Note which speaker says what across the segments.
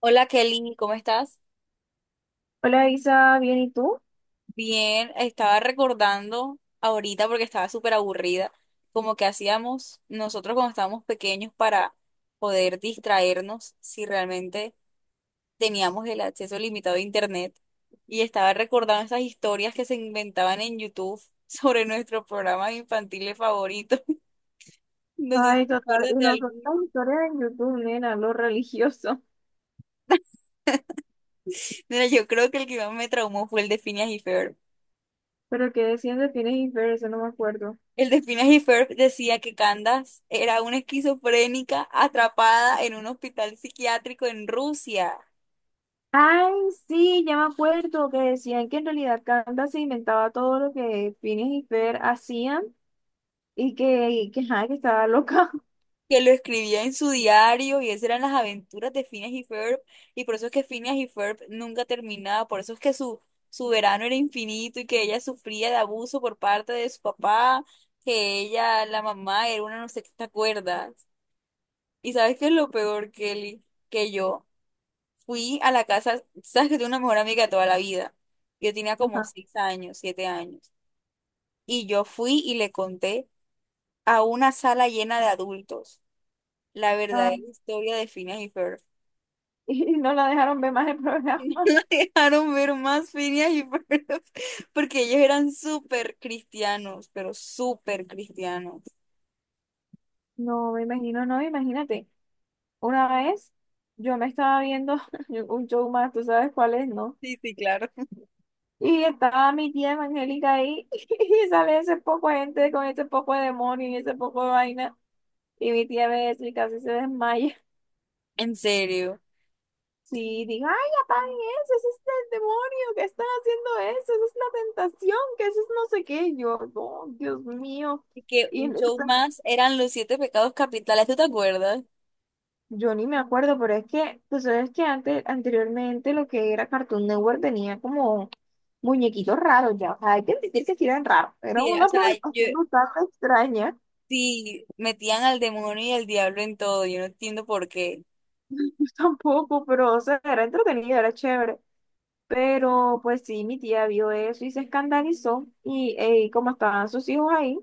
Speaker 1: Hola Kelly, ¿cómo estás?
Speaker 2: Hola Isa, ¿bien y tú?
Speaker 1: Bien, estaba recordando ahorita porque estaba súper aburrida, como que hacíamos nosotros cuando estábamos pequeños para poder distraernos si realmente teníamos el acceso limitado a internet. Y estaba recordando esas historias que se inventaban en YouTube sobre nuestros programas infantiles favoritos. No sé si
Speaker 2: Ay,
Speaker 1: te
Speaker 2: total, y
Speaker 1: acuerdas de
Speaker 2: nosotros
Speaker 1: alguno.
Speaker 2: historia en YouTube, nena, lo religioso.
Speaker 1: Mira, yo creo que el que más me traumó fue el de Phineas y Ferb.
Speaker 2: Pero que decían de Phineas y Ferb, eso no me acuerdo.
Speaker 1: El de Phineas y Ferb decía que Candace era una esquizofrénica atrapada en un hospital psiquiátrico en Rusia,
Speaker 2: Ay, sí, ya me acuerdo que decían que en realidad Candace se inventaba todo lo que Phineas y Ferb hacían y que, ajá, que estaba loca.
Speaker 1: que lo escribía en su diario y esas eran las aventuras de Phineas y Ferb, y por eso es que Phineas y Ferb nunca terminaba, por eso es que su verano era infinito y que ella sufría de abuso por parte de su papá, que ella, la mamá, era una no sé qué, ¿te acuerdas? ¿Y sabes qué es lo peor, Kelly? Que yo. Fui a la casa, sabes que tengo una mejor amiga de toda la vida. Yo tenía como
Speaker 2: Ajá.
Speaker 1: 6 años, 7 años. Y yo fui y le conté a una sala llena de adultos la
Speaker 2: Ah,
Speaker 1: verdadera historia de Phineas y Ferb.
Speaker 2: y no la dejaron ver más el
Speaker 1: Y
Speaker 2: programa.
Speaker 1: no dejaron ver más Phineas y Ferb porque ellos eran súper cristianos, pero súper cristianos.
Speaker 2: No, me imagino, no, imagínate. Una vez yo me estaba viendo un show más, ¿tú sabes cuál es, no?
Speaker 1: Sí, sí, claro.
Speaker 2: Y estaba mi tía evangélica ahí y sale ese poco de gente con ese poco de demonio y ese poco de vaina. Y mi tía ve eso y casi se desmaya.
Speaker 1: En serio.
Speaker 2: Sí, digo, ay, apaguen eso, ese es el demonio que están haciendo eso, eso es una tentación, que eso es no sé qué. Y yo, no, Dios mío.
Speaker 1: ¿Y que
Speaker 2: Y
Speaker 1: un
Speaker 2: no-
Speaker 1: show más eran los siete pecados capitales, tú te acuerdas?
Speaker 2: yo ni me acuerdo, pero es que, tú sabes que antes, anteriormente lo que era Cartoon Network tenía como muñequitos raros ya. O sea, hay que admitir que sí eran raros, era
Speaker 1: Sí, o
Speaker 2: una
Speaker 1: sea, yo,
Speaker 2: programación bastante extraña.
Speaker 1: sí, metían al demonio y al diablo en todo, yo no entiendo por qué.
Speaker 2: Tampoco, pero, o sea, era entretenido, era chévere. Pero, pues sí, mi tía vio eso y se escandalizó. Y ey, como estaban sus hijos ahí,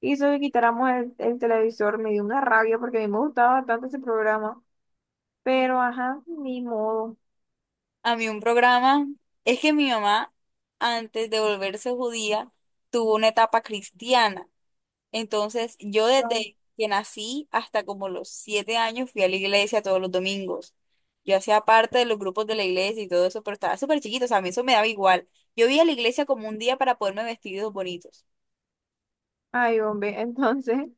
Speaker 2: hizo que quitáramos el televisor. Me dio una rabia porque a mí me gustaba bastante ese programa. Pero, ajá, ni modo.
Speaker 1: A mí un programa, es que mi mamá, antes de volverse judía, tuvo una etapa cristiana. Entonces, yo
Speaker 2: No.
Speaker 1: desde que nací hasta como los 7 años fui a la iglesia todos los domingos. Yo hacía parte de los grupos de la iglesia y todo eso, pero estaba súper chiquito, o sea, a mí eso me daba igual. Yo iba a la iglesia como un día para poderme vestir de los bonitos.
Speaker 2: Ay, hombre, entonces,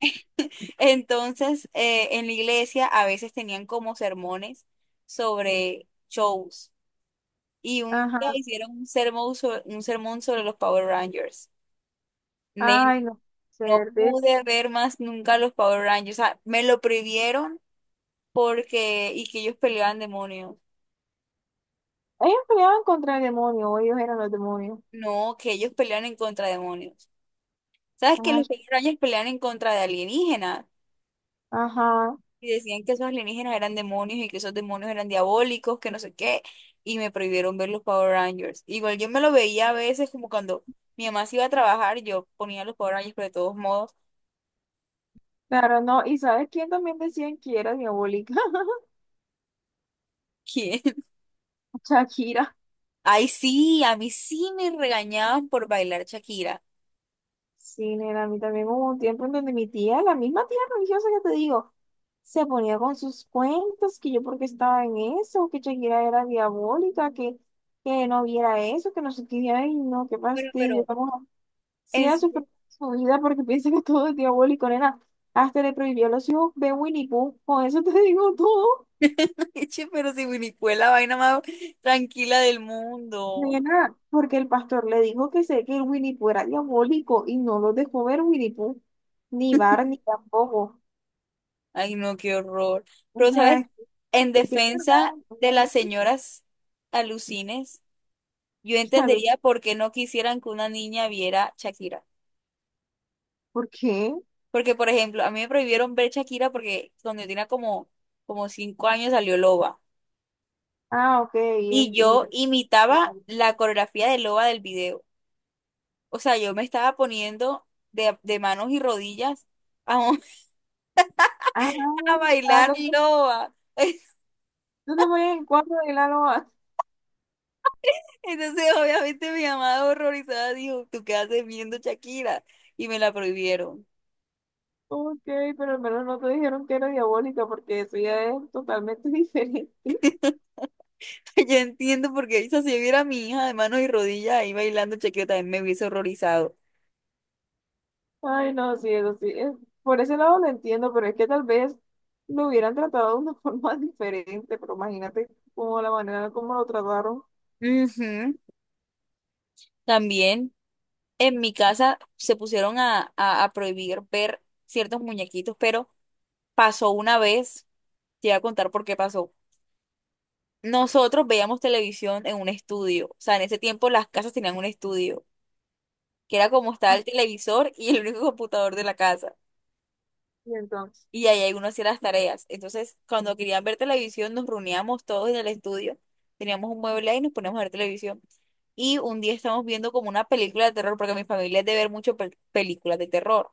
Speaker 1: Entonces, en la iglesia a veces tenían como sermones sobre shows. Y un día
Speaker 2: ajá.
Speaker 1: hicieron un sermón sobre los Power Rangers. Nen,
Speaker 2: Ay, no,
Speaker 1: no
Speaker 2: ser de...
Speaker 1: pude ver más nunca los Power Rangers. O sea, me lo prohibieron porque, y que ellos peleaban demonios.
Speaker 2: Ellos peleaban contra el demonio, o ellos eran los demonios.
Speaker 1: No, que ellos pelean en contra de demonios. ¿Sabes que
Speaker 2: Ay,
Speaker 1: los Power Rangers pelean en contra de alienígenas?
Speaker 2: ajá,
Speaker 1: Y decían que esos alienígenas eran demonios y que esos demonios eran diabólicos, que no sé qué, y me prohibieron ver los Power Rangers. Igual yo me lo veía a veces como cuando mi mamá se iba a trabajar, yo ponía los Power Rangers, pero de todos modos,
Speaker 2: claro, no. ¿Y sabes quién también decían que era mi abuelita?
Speaker 1: ¿quién?
Speaker 2: Shakira.
Speaker 1: Ay, sí, a mí sí me regañaban por bailar Shakira.
Speaker 2: Sí, nena, a mí también hubo un tiempo en donde mi tía, la misma tía religiosa que te digo, se ponía con sus cuentos, que yo porque estaba en eso, que Shakira era diabólica, que no viera eso, que no sé qué, y ay, no, qué
Speaker 1: Pero,
Speaker 2: fastidio, estamos así
Speaker 1: en
Speaker 2: a su,
Speaker 1: serio,
Speaker 2: su vida porque piensa que todo es diabólico, nena, hasta le prohibió a los hijos ver Winnie Pooh, con eso te digo todo,
Speaker 1: che, pero si Winnie fue la vaina más tranquila del mundo.
Speaker 2: nena, porque el pastor le dijo que sé que el Winnie Pooh era diabólico y no lo dejó ver Winnie Pooh, ni Barney tampoco.
Speaker 1: Ay, no, qué horror.
Speaker 2: O
Speaker 1: Pero,
Speaker 2: sea,
Speaker 1: ¿sabes? En
Speaker 2: es que es verdad,
Speaker 1: defensa de las
Speaker 2: ¿no?
Speaker 1: señoras alucines. Yo
Speaker 2: A los-
Speaker 1: entendería por qué no quisieran que una niña viera Shakira.
Speaker 2: ¿Por qué?
Speaker 1: Porque, por ejemplo, a mí me prohibieron ver Shakira porque cuando yo tenía como, como 5 años salió Loba.
Speaker 2: Ah, ok,
Speaker 1: Y yo
Speaker 2: y
Speaker 1: imitaba la coreografía de Loba del video. O sea, yo me estaba poniendo de manos y rodillas a,
Speaker 2: ah,
Speaker 1: a
Speaker 2: ah,
Speaker 1: bailar
Speaker 2: entonces,
Speaker 1: Loba.
Speaker 2: entonces voy en cuatro de la loa.
Speaker 1: Entonces, obviamente, mi mamá horrorizada dijo, ¿tú qué haces viendo Shakira? Y me la prohibieron.
Speaker 2: Ok, pero al menos no te dijeron que era diabólica, porque eso ya es totalmente diferente.
Speaker 1: Yo entiendo porque Isa, si viera a mi hija de manos y rodillas ahí bailando chequeo, también me hubiese horrorizado.
Speaker 2: Ay, no, sí, eso sí. Por ese lado lo entiendo, pero es que tal vez lo hubieran tratado de una forma diferente, pero imagínate cómo la manera como lo trataron.
Speaker 1: Ujú. También en mi casa se pusieron a prohibir ver ciertos muñequitos, pero pasó una vez, te voy a contar por qué pasó. Nosotros veíamos televisión en un estudio, o sea, en ese tiempo las casas tenían un estudio, que era como estaba
Speaker 2: Ah,
Speaker 1: el televisor y el único computador de la casa.
Speaker 2: y entonces,
Speaker 1: Y ahí hay uno hacía las tareas. Entonces, cuando querían ver televisión, nos reuníamos todos en el estudio, teníamos un mueble ahí y nos poníamos a ver televisión. Y un día estábamos viendo como una película de terror, porque mi familia es de ver mucho películas de terror.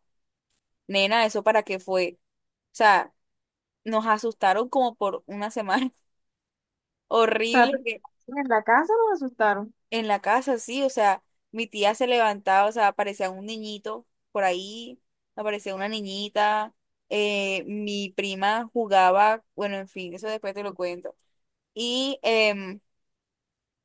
Speaker 1: Nena, ¿eso para qué fue? O sea, nos asustaron como por una semana
Speaker 2: o sea,
Speaker 1: horrible que-
Speaker 2: en la casa los asustaron.
Speaker 1: en la casa, sí, o sea, mi tía se levantaba, o sea, aparecía un niñito por ahí, aparecía una niñita, mi prima jugaba, bueno, en fin, eso después te lo cuento. Y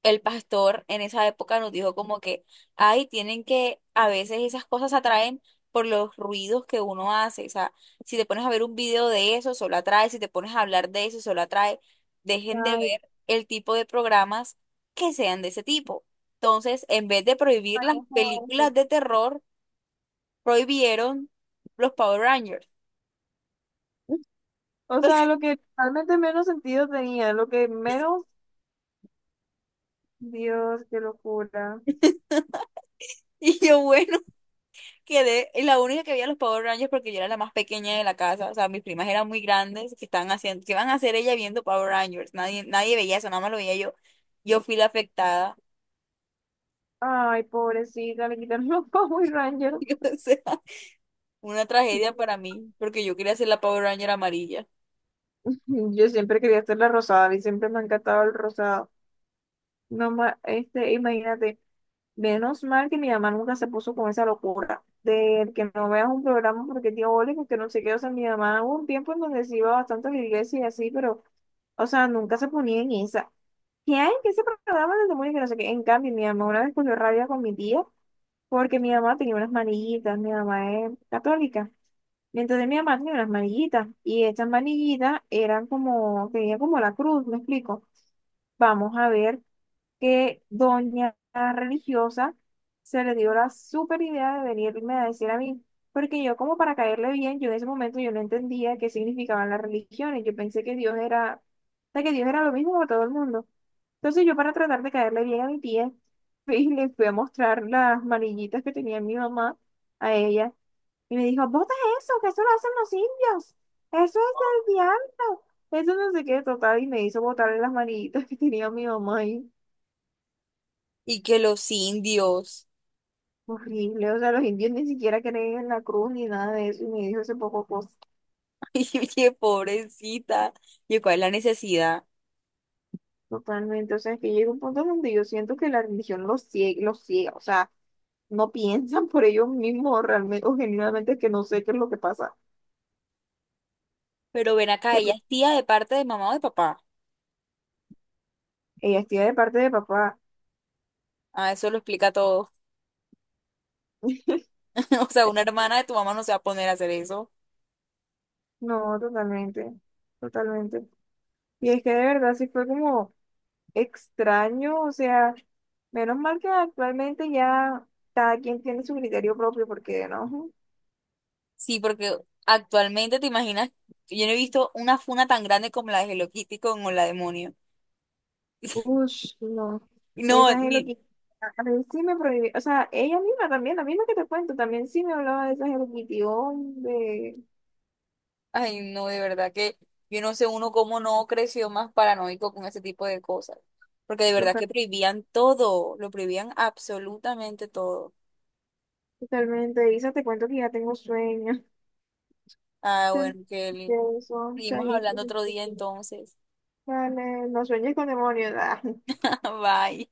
Speaker 1: el pastor en esa época nos dijo como que, ay, tienen que, a veces esas cosas atraen por los ruidos que uno hace. O sea, si te pones a ver un video de eso, solo atrae. Si te pones a hablar de eso, solo atrae. Dejen de
Speaker 2: Ay,
Speaker 1: ver el tipo de programas que sean de ese tipo. Entonces, en vez de prohibir
Speaker 2: ay,
Speaker 1: las
Speaker 2: no sé.
Speaker 1: películas de terror, prohibieron los Power Rangers.
Speaker 2: O sea, lo que realmente menos sentido tenía, lo que menos, Dios, qué locura.
Speaker 1: Y yo, bueno, quedé la única que veía los Power Rangers porque yo era la más pequeña de la casa, o sea, mis primas eran muy grandes, que estaban haciendo, que iban a hacer ella viendo Power Rangers? Nadie, nadie veía eso, nada más lo veía yo. Yo fui la afectada.
Speaker 2: Ay, pobrecita, le quitaron los Power Rangers.
Speaker 1: O sea, una tragedia para mí, porque yo quería ser la Power Ranger amarilla.
Speaker 2: Yo siempre quería hacer la rosada, a mí siempre me ha encantado el rosado. No, este, imagínate, menos mal que mi mamá nunca se puso con esa locura de que no veas un programa porque diabólico, que no sé qué, o sea, mi mamá hubo un tiempo en donde se iba bastante a la iglesia y así, pero, o sea, nunca se ponía en esa. ¿Quién? ¿Qué se programa del demonio? Que no sé qué. En cambio, mi mamá una vez cogió rabia con mi tía porque mi mamá tenía unas manillitas. Mi mamá es católica. Y entonces mi mamá tenía unas manillitas y estas manillitas eran como, tenía como la cruz, ¿me explico? Vamos a ver que doña religiosa se le dio la super idea de venirme a decir a mí, porque yo como para caerle bien, yo en ese momento yo no entendía qué significaban las religiones, yo pensé que Dios era, o sea, que Dios era lo mismo para todo el mundo. Entonces yo para tratar de caerle bien a mi tía, le fui a mostrar las manillitas que tenía mi mamá a ella. Y me dijo, bota eso, que eso lo hacen los indios, eso es del diablo, eso no sé qué, total, y me hizo botarle las manillitas que tenía mi mamá ahí.
Speaker 1: Y que los indios.
Speaker 2: Horrible, o sea, los indios ni siquiera creen en la cruz ni nada de eso, y me dijo ese poco cosa,
Speaker 1: Y oye, pobrecita. Y cuál es la necesidad.
Speaker 2: totalmente, o sea, es que llega un punto donde yo siento que la religión los ciega, o sea, no piensan por ellos mismos realmente, o genuinamente que no sé qué es lo que pasa.
Speaker 1: Pero ven acá,
Speaker 2: Que,
Speaker 1: ella
Speaker 2: pues,
Speaker 1: es tía de parte de mamá o de papá.
Speaker 2: ella estoy de parte de papá.
Speaker 1: Ah, eso lo explica todo. O sea, una hermana de tu mamá no se va a poner a hacer eso.
Speaker 2: No, totalmente, totalmente. Y es que de verdad sí fue como extraño, o sea, menos mal que actualmente ya cada quien tiene su criterio propio, porque no,
Speaker 1: Sí, porque actualmente te imaginas, yo no he visto una funa tan grande como la de Hello Kitty con Hola Demonio.
Speaker 2: uff, no,
Speaker 1: No,
Speaker 2: esa es lo
Speaker 1: ni,
Speaker 2: que, a mí sí me prohibió, o sea, ella misma también, la misma que te cuento, también sí me hablaba de esa Hello Kitty, hombre,
Speaker 1: ay, no, de verdad que yo no sé uno cómo no creció más paranoico con ese tipo de cosas. Porque de verdad
Speaker 2: loca,
Speaker 1: que prohibían todo, lo prohibían absolutamente todo.
Speaker 2: totalmente, Isa, te cuento que ya tengo sueño,
Speaker 1: Ah, bueno, que
Speaker 2: de eso,
Speaker 1: seguimos
Speaker 2: chaito,
Speaker 1: hablando otro día entonces.
Speaker 2: vale, no sueñes con demonios,
Speaker 1: Bye.